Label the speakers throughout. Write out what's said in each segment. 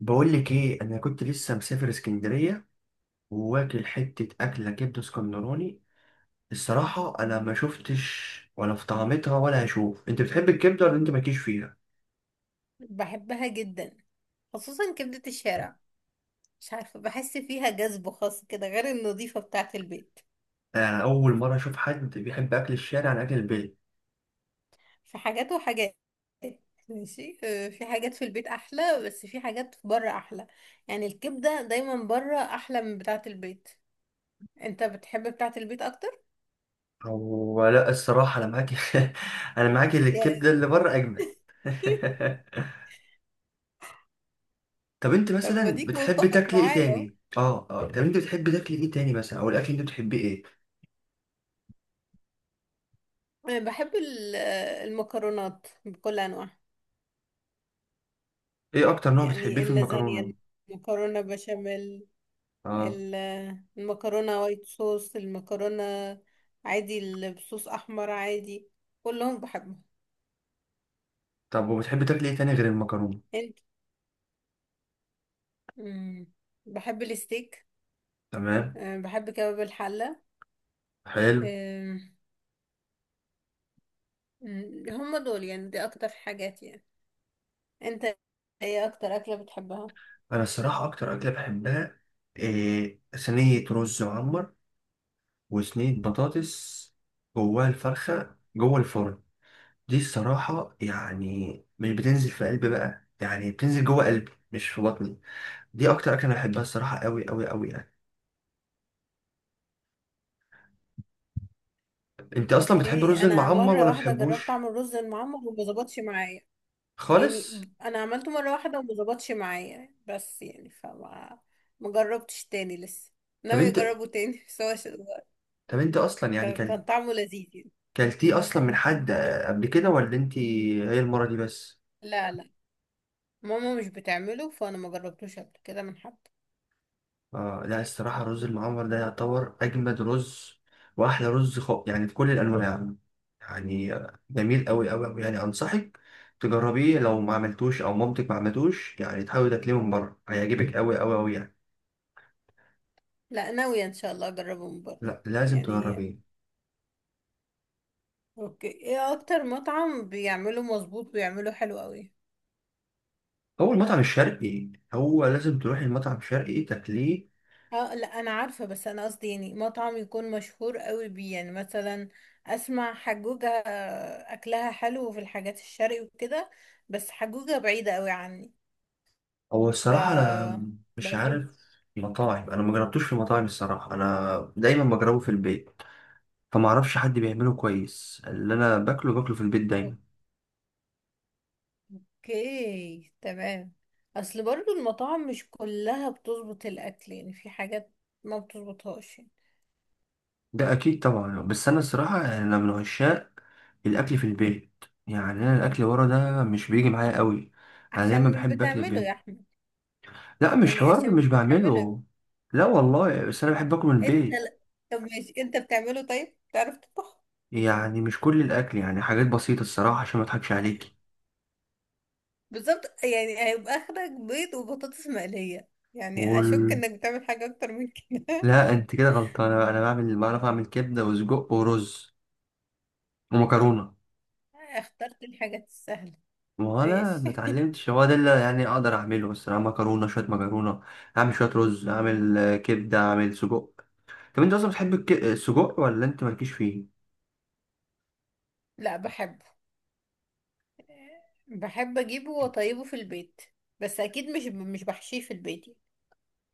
Speaker 1: بقول لك ايه، انا كنت لسه مسافر اسكندريه وواكل حته اكله كبده اسكندراني. الصراحه انا ما شفتش ولا في طعمتها ولا هشوف. انت بتحب الكبده ولا انت مالكيش فيها؟
Speaker 2: بحبها جدا، خصوصا كبدة الشارع. مش عارفة، بحس فيها جذب خاص كده غير النظيفة بتاعة البيت.
Speaker 1: انا اول مره اشوف حد بيحب اكل الشارع عن اكل البيت.
Speaker 2: في حاجات وحاجات. ماشي، في حاجات في البيت أحلى بس في حاجات بره أحلى. يعني الكبدة دايما بره أحلى من بتاعة البيت. انت بتحب بتاعة البيت أكتر؟
Speaker 1: هو لا، الصراحه انا معاك. انا معاك إن
Speaker 2: يا.
Speaker 1: الكبده اللي بره اجمل. طب انت
Speaker 2: طب ما
Speaker 1: مثلا
Speaker 2: ديك
Speaker 1: بتحب
Speaker 2: متفق
Speaker 1: تاكل ايه
Speaker 2: معايا اهو.
Speaker 1: تاني؟ اه طب انت بتحب تاكل ايه تاني مثلا، او الاكل اللي انت بتحبيه ايه؟
Speaker 2: أنا بحب المكرونات بكل أنواعها.
Speaker 1: ايه اكتر نوع بتحبيه
Speaker 2: يعني
Speaker 1: في
Speaker 2: اللازانيا،
Speaker 1: المكرونه؟
Speaker 2: المكرونة بشاميل،
Speaker 1: اه.
Speaker 2: ال- المكرونة وايت صوص. المكرونة عادي اللي بصوص أحمر عادي، كلهم بحبهم.
Speaker 1: طب وبتحب تاكل ايه تاني غير المكرونة؟
Speaker 2: انت. مم. بحب الستيك.
Speaker 1: تمام.
Speaker 2: أه، بحب كباب الحلة.
Speaker 1: حلو.
Speaker 2: أم، هم دول يعني، دي أكتر حاجات يعني. انت، ايه أكتر أكلة بتحبها؟
Speaker 1: انا الصراحة اكتر اكلة بحبها إيه؟ صينية رز معمر وصينية بطاطس جواها الفرخة جوه الفرن. دي الصراحة يعني مش بتنزل في قلبي بقى، يعني بتنزل جوه قلبي مش في بطني. دي اكتر اكلة انا بحبها الصراحة، قوي قوي قوي يعني. انت اصلا بتحب
Speaker 2: اوكي،
Speaker 1: الرز
Speaker 2: أنا
Speaker 1: المعمر
Speaker 2: مرة
Speaker 1: ولا
Speaker 2: واحدة جربت
Speaker 1: بتحبوش؟
Speaker 2: أعمل رز المعمر وما ظبطش معايا. يعني
Speaker 1: خالص.
Speaker 2: أنا عملته مرة واحدة وما ظبطش معايا، بس يعني فما، ما جربتش تاني لسه.
Speaker 1: طب
Speaker 2: ناوية
Speaker 1: انت
Speaker 2: أجربه تاني، بس هو
Speaker 1: طب انت اصلا يعني
Speaker 2: كان
Speaker 1: كلت،
Speaker 2: كان طعمه لذيذ يعني.
Speaker 1: كلتيه اصلا من حد قبل كده ولا انت هي المرة دي بس؟
Speaker 2: لا لا، ماما مش بتعمله فانا ما جربتوش قبل كده من حد.
Speaker 1: اه لا، الصراحة الرز المعمر ده يعتبر أجمد رز وأحلى رز يعني في كل الأنواع، يعني جميل أوي أوي أوي يعني. أنصحك تجربيه لو ما عملتوش أو مامتك ما عملتوش، يعني تحاول تاكليه من بره هيعجبك أوي أوي أوي يعني.
Speaker 2: لا، ناوية ان شاء الله اجربه من بره.
Speaker 1: لا لازم
Speaker 2: يعني
Speaker 1: تجربيه.
Speaker 2: اوكي، ايه اكتر مطعم بيعمله مظبوط ويعمله حلو قوي؟
Speaker 1: هو المطعم الشرقي، هو لازم تروح المطعم الشرقي تاكليه.
Speaker 2: اه لا، انا عارفة، بس انا قصدي يعني مطعم يكون مشهور قوي بيه، يعني مثلا اسمع حجوجة، اكلها حلو في الحاجات الشرقي وكده، بس حجوجة بعيدة قوي عني.
Speaker 1: هو الصراحة أنا
Speaker 2: ف،
Speaker 1: مش
Speaker 2: لو في.
Speaker 1: عارف مطاعم، أنا ما جربتوش في مطاعم الصراحة، أنا دايما بجربه في البيت. فما اعرفش حد بيعمله كويس، اللي انا باكله في البيت دايما.
Speaker 2: اوكي تمام. اصل برضو المطاعم مش كلها بتظبط الاكل، يعني في حاجات ما بتظبطهاش يعني.
Speaker 1: ده اكيد طبعا، بس انا الصراحه انا من عشاق الاكل في البيت، يعني انا الاكل ورا ده مش بيجي معايا قوي. انا دايما
Speaker 2: عشان مش
Speaker 1: بحب اكل
Speaker 2: بتعمله يا
Speaker 1: البيت.
Speaker 2: احمد.
Speaker 1: لا، مش
Speaker 2: يعني
Speaker 1: حوار
Speaker 2: عشان
Speaker 1: مش
Speaker 2: مش بتعمله.
Speaker 1: بعمله. لا والله، بس انا بحب اكل من
Speaker 2: انت
Speaker 1: البيت.
Speaker 2: لا. طب ماشي، انت بتعمله؟ طيب بتعرف تطبخ؟
Speaker 1: يعني مش كل الاكل، يعني حاجات بسيطه الصراحه عشان ما اضحكش عليكي.
Speaker 2: بالظبط، يعني هيبقى اخرك بيض وبطاطس مقلية. يعني اشك
Speaker 1: وال...
Speaker 2: انك بتعمل حاجة اكتر من كده.
Speaker 1: لا انت كده غلطانه، انا بعرف اعمل كبده وسجق ورز ومكرونه.
Speaker 2: اخترت الحاجات السهلة.
Speaker 1: وانا
Speaker 2: ماشي.
Speaker 1: متعلمتش، هو ده اللي يعني اقدر اعمله الصراحه. مكرونه، شويه مكرونه. اعمل شويه رز، اعمل كبده، اعمل سجق. طب انت اصلا بتحب السجق ولا انت مالكيش فيه؟
Speaker 2: لا بحبه، بحب اجيبه واطيبه في البيت، بس اكيد مش بحشيه في البيت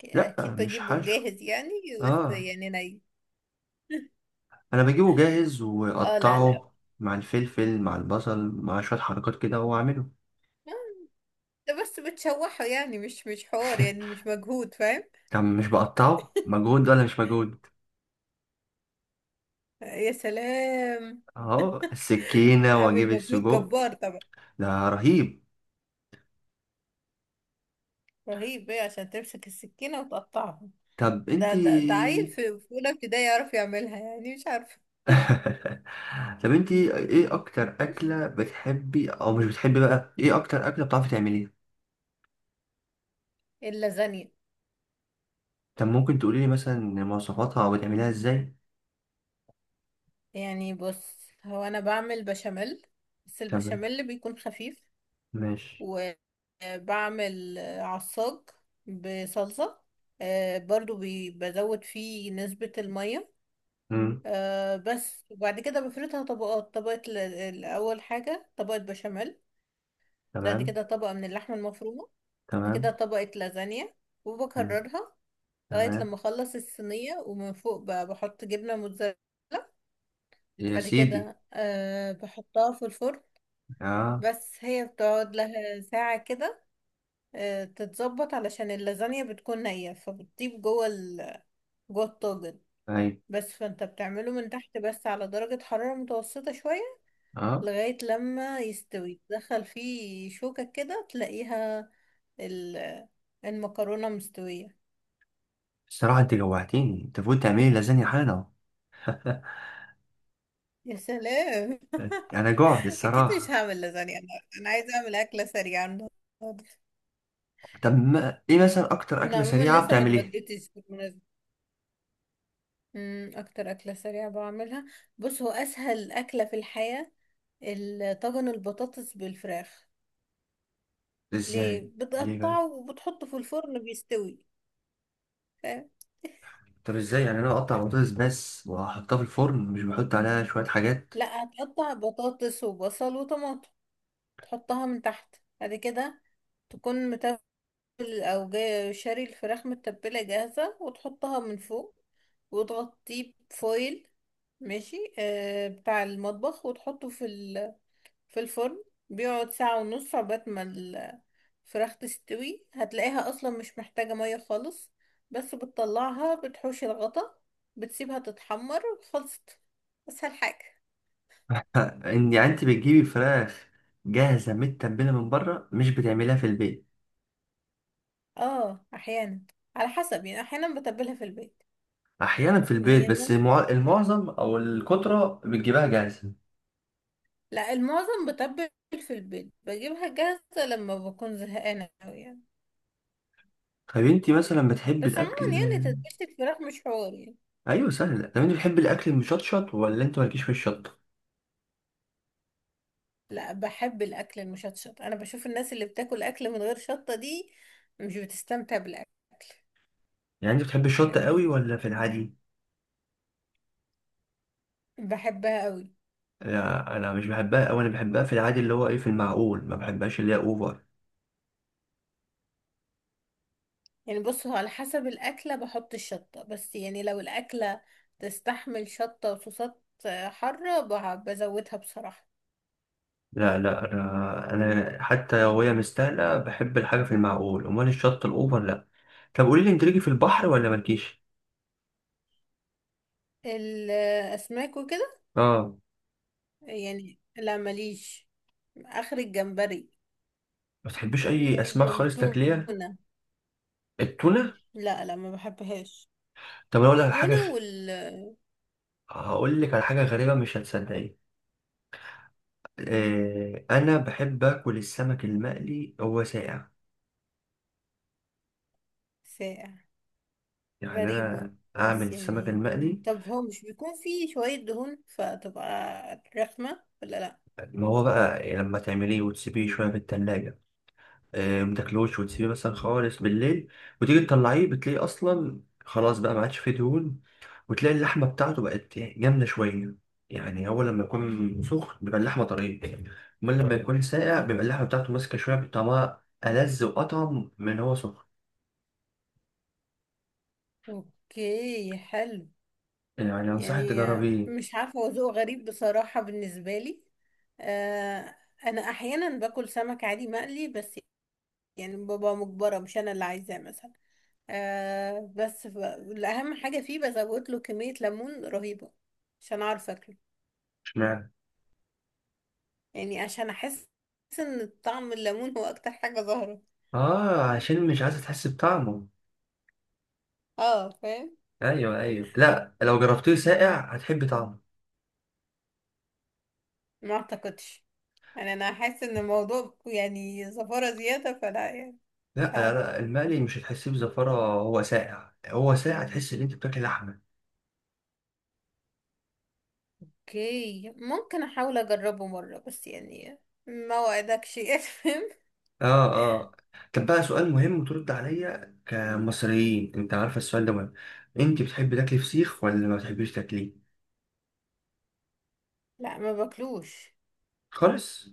Speaker 2: يعني.
Speaker 1: لا
Speaker 2: اكيد
Speaker 1: مش
Speaker 2: بجيبه
Speaker 1: حشو.
Speaker 2: جاهز يعني. بس
Speaker 1: اه.
Speaker 2: يعني ني.
Speaker 1: انا بجيبه جاهز،
Speaker 2: اه لا لا،
Speaker 1: واقطعه مع الفلفل مع البصل مع شويه حركات كده واعمله.
Speaker 2: ده بس بتشوحه، يعني مش حوار، يعني مش مجهود، فاهم؟
Speaker 1: طب مش بقطعه مجهود ولا مش مجهود؟
Speaker 2: يا سلام،
Speaker 1: اهو السكينه
Speaker 2: عامل
Speaker 1: واجيب
Speaker 2: مجهود
Speaker 1: السجق.
Speaker 2: جبار طبعا.
Speaker 1: ده رهيب.
Speaker 2: رهيب ايه؟ عشان تمسك السكينة وتقطعها؟
Speaker 1: طب
Speaker 2: ده ده عيل
Speaker 1: انتي.
Speaker 2: في اولى ابتدائي يعرف يعملها، يعني مش عارفة.
Speaker 1: طب انتي ايه اكتر اكله بتحبي او مش بتحبي، بقى ايه اكتر اكله بتعرفي تعمليها؟
Speaker 2: اللازانيا.
Speaker 1: طب ممكن تقولي لي مثلا مواصفاتها او بتعمليها ازاي؟
Speaker 2: يعني بص، هو انا بعمل بشاميل، بس
Speaker 1: تمام.
Speaker 2: البشاميل بيكون خفيف.
Speaker 1: ماشي.
Speaker 2: وبعمل عصاج بصلصة. برضو بزود فيه نسبة المية.
Speaker 1: مم.
Speaker 2: بس وبعد كده بفردها طبقات. طبقة الأول حاجة طبقة بشاميل، دي
Speaker 1: تمام.
Speaker 2: كده طبقة من اللحمة المفرومة، دي كده
Speaker 1: تمام.
Speaker 2: طبقة لازانيا،
Speaker 1: مم.
Speaker 2: وبكررها لغاية
Speaker 1: تمام.
Speaker 2: لما أخلص الصينية، ومن فوق بحط جبنة موتزاريلا.
Speaker 1: يا
Speaker 2: بعد
Speaker 1: سيدي.
Speaker 2: كده أه بحطها في الفرن.
Speaker 1: اه.
Speaker 2: بس هي بتقعد لها ساعة كده تتظبط علشان اللازانيا بتكون نية، فبتطيب جوه جوه الطاجن.
Speaker 1: اي.
Speaker 2: بس فانت بتعمله من تحت بس، على درجة حرارة متوسطة شوية،
Speaker 1: اه.
Speaker 2: لغاية لما يستوي تدخل فيه شوكة كده تلاقيها ال... المكرونة مستوية.
Speaker 1: الصراحة انت جوعتيني، انت فوت تعملي لازانيا حالا اهو.
Speaker 2: يا سلام.
Speaker 1: انا جوعت
Speaker 2: اكيد مش
Speaker 1: الصراحة.
Speaker 2: هعمل لازانيا انا، انا عايزة اعمل اكلة سريعة النهاردة.
Speaker 1: طب ما ايه مثلا اكتر
Speaker 2: انا
Speaker 1: اكلة
Speaker 2: عموما
Speaker 1: سريعة
Speaker 2: لسه ما
Speaker 1: بتعمليها؟
Speaker 2: اتغديتش بالمناسبة. اكتر اكله سريعه بعملها، بص هو اسهل اكله في الحياه، طاجن البطاطس بالفراخ. ليه؟
Speaker 1: ازاي؟ ليه بقى؟
Speaker 2: بتقطعه وبتحطه في الفرن بيستوي. فاهم؟
Speaker 1: طب ازاي يعني انا اقطع بطاطس بس واحطها في الفرن، مش بحط عليها شوية حاجات؟
Speaker 2: لا، هتقطع بطاطس وبصل وطماطم، تحطها من تحت. بعد كده تكون متبل، او جاي شاري الفراخ متبله جاهزه، وتحطها من فوق، وتغطيه بفويل ماشي، بتاع المطبخ، وتحطه في في الفرن. بيقعد ساعة ونص عقبال ما الفراخ تستوي. هتلاقيها أصلا مش محتاجة مية خالص، بس بتطلعها بتحوش الغطا، بتسيبها تتحمر، خلصت، أسهل حاجة.
Speaker 1: ان يعني انت بتجيبي فراخ جاهزة متبلة من بره، مش بتعمليها في البيت؟
Speaker 2: اه أحيانا، على حسب يعني، أحيانا بتبلها في البيت.
Speaker 1: احيانا في
Speaker 2: يعني
Speaker 1: البيت،
Speaker 2: هي
Speaker 1: بس
Speaker 2: ممكن،
Speaker 1: المعظم او الكترة بتجيبها جاهزة.
Speaker 2: لا المعظم بتبل في البيت، بجيبها جاهزة لما بكون زهقانة أوي يعني.
Speaker 1: طب انت مثلا بتحب
Speaker 2: بس
Speaker 1: الاكل.
Speaker 2: عموما يعني تتبيلة الفراخ مش حوار يعني.
Speaker 1: ايوه سهل. طب انت بتحب الاكل المشطشط ولا انت مالكيش في الشطه؟
Speaker 2: لا، بحب الاكل المشطشط. انا بشوف الناس اللي بتاكل اكل من غير شطة دي مش بتستمتع بالاكل.
Speaker 1: يعني انت بتحب الشطه قوي
Speaker 2: يعني
Speaker 1: ولا في العادي؟
Speaker 2: بحبها قوي.
Speaker 1: لا انا مش بحبها، او انا بحبها في العادي اللي هو ايه في المعقول، ما بحبهاش اللي هي اوفر.
Speaker 2: يعني بص، هو على حسب الاكلة بحط الشطة، بس يعني لو الاكلة تستحمل شطة وصوصات حارة، بزودها بصراحة.
Speaker 1: لا لا، انا حتى لو هي مستاهله بحب الحاجه في المعقول، امال الشطه الاوفر لا. طب قولي لي انت ليكي في البحر ولا مالكيش؟
Speaker 2: الاسماك وكده،
Speaker 1: اه.
Speaker 2: يعني لا، ماليش. اخر الجمبري.
Speaker 1: ما بتحبيش اي
Speaker 2: و-
Speaker 1: اسماك خالص تاكليها؟
Speaker 2: والتونة،
Speaker 1: التونه؟
Speaker 2: لا لا ما بحبهاش
Speaker 1: طب انا اقول لك على
Speaker 2: التونة
Speaker 1: حاجه، هقول لك على حاجه غريبه مش هتصدقيها. انا بحب اكل السمك المقلي هو ساقع.
Speaker 2: والساقع.
Speaker 1: يعني
Speaker 2: غريبة،
Speaker 1: انا اعمل
Speaker 2: بس
Speaker 1: السمك
Speaker 2: يعني
Speaker 1: المقلي،
Speaker 2: طب هو مش بيكون فيه شوية دهون فتبقى رخمة ولا لأ؟
Speaker 1: ما هو بقى يعني لما تعمليه وتسيبيه شويه في التلاجة، ما تاكلوش وتسيبيه مثلا خالص بالليل، وتيجي تطلعيه بتلاقيه اصلا خلاص بقى ما عادش فيه دهون، وتلاقي اللحمه بتاعته بقت جامده شويه. يعني هو لما يكون سخن بيبقى اللحمه طريه، امال لما يكون ساقع بيبقى اللحمه بتاعته ماسكه شويه، بطعمها ألذ وأطعم من هو سخن.
Speaker 2: اوكي حلو.
Speaker 1: يعني أنصحك
Speaker 2: يعني
Speaker 1: تجربيه.
Speaker 2: مش عارفة، هو ذوق غريب بصراحة بالنسبة لي. آه، أنا أحيانا باكل سمك عادي مقلي، بس يعني ببقى مجبرة، مش أنا اللي عايزاه مثلا. آه، بس الأهم حاجة فيه بزود له كمية ليمون رهيبة عشان أعرف أكله. يعني عشان أحس إن طعم الليمون هو أكتر حاجة ظاهرة.
Speaker 1: اه، عشان مش عايزة تحس بطعمه.
Speaker 2: اه فاهم.
Speaker 1: ايوه ايوه، لا لو جربتيه ساقع هتحب طعمه.
Speaker 2: ما اعتقدش، يعني انا حاسه ان الموضوع يعني زفاره زياده، فلا يعني.
Speaker 1: لا
Speaker 2: مش
Speaker 1: لا
Speaker 2: عارفه،
Speaker 1: لا، المقلي مش هتحسيه بزفرة، هو ساقع هو ساقع تحس ان انت بتاكل لحمة.
Speaker 2: اوكي ممكن احاول اجربه مره، بس يعني ما وعدكش. افهم.
Speaker 1: اه. اه. طب بقى سؤال مهم وترد عليا كمصريين، انت عارفة السؤال ده مهم. انت بتحبي تاكلي فسيخ ولا ما بتحبيش تاكليه؟
Speaker 2: لا، ما باكلوش
Speaker 1: خالص.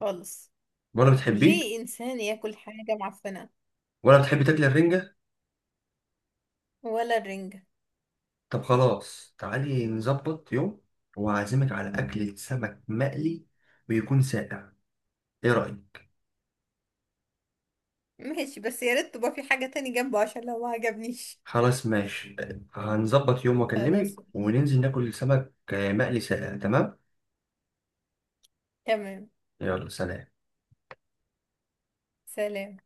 Speaker 2: خالص.
Speaker 1: ولا بتحبيه.
Speaker 2: ليه انسان ياكل حاجه معفنه؟
Speaker 1: ولا بتحبي تاكلي الرنجة؟
Speaker 2: ولا الرنجه.
Speaker 1: طب خلاص تعالي نظبط يوم وأعزمك على أكلة سمك مقلي، ويكون ساقع، ايه رأيك؟
Speaker 2: ماشي، بس يا ريت تبقى في حاجه تاني جنبه عشان لو ما عجبنيش.
Speaker 1: خلاص ماشي. هنظبط يوم واكلمك
Speaker 2: خلاص ماشي.
Speaker 1: وننزل ناكل سمك مقلي ساقع، تمام.
Speaker 2: تمام.
Speaker 1: يلا سلام.
Speaker 2: سلام.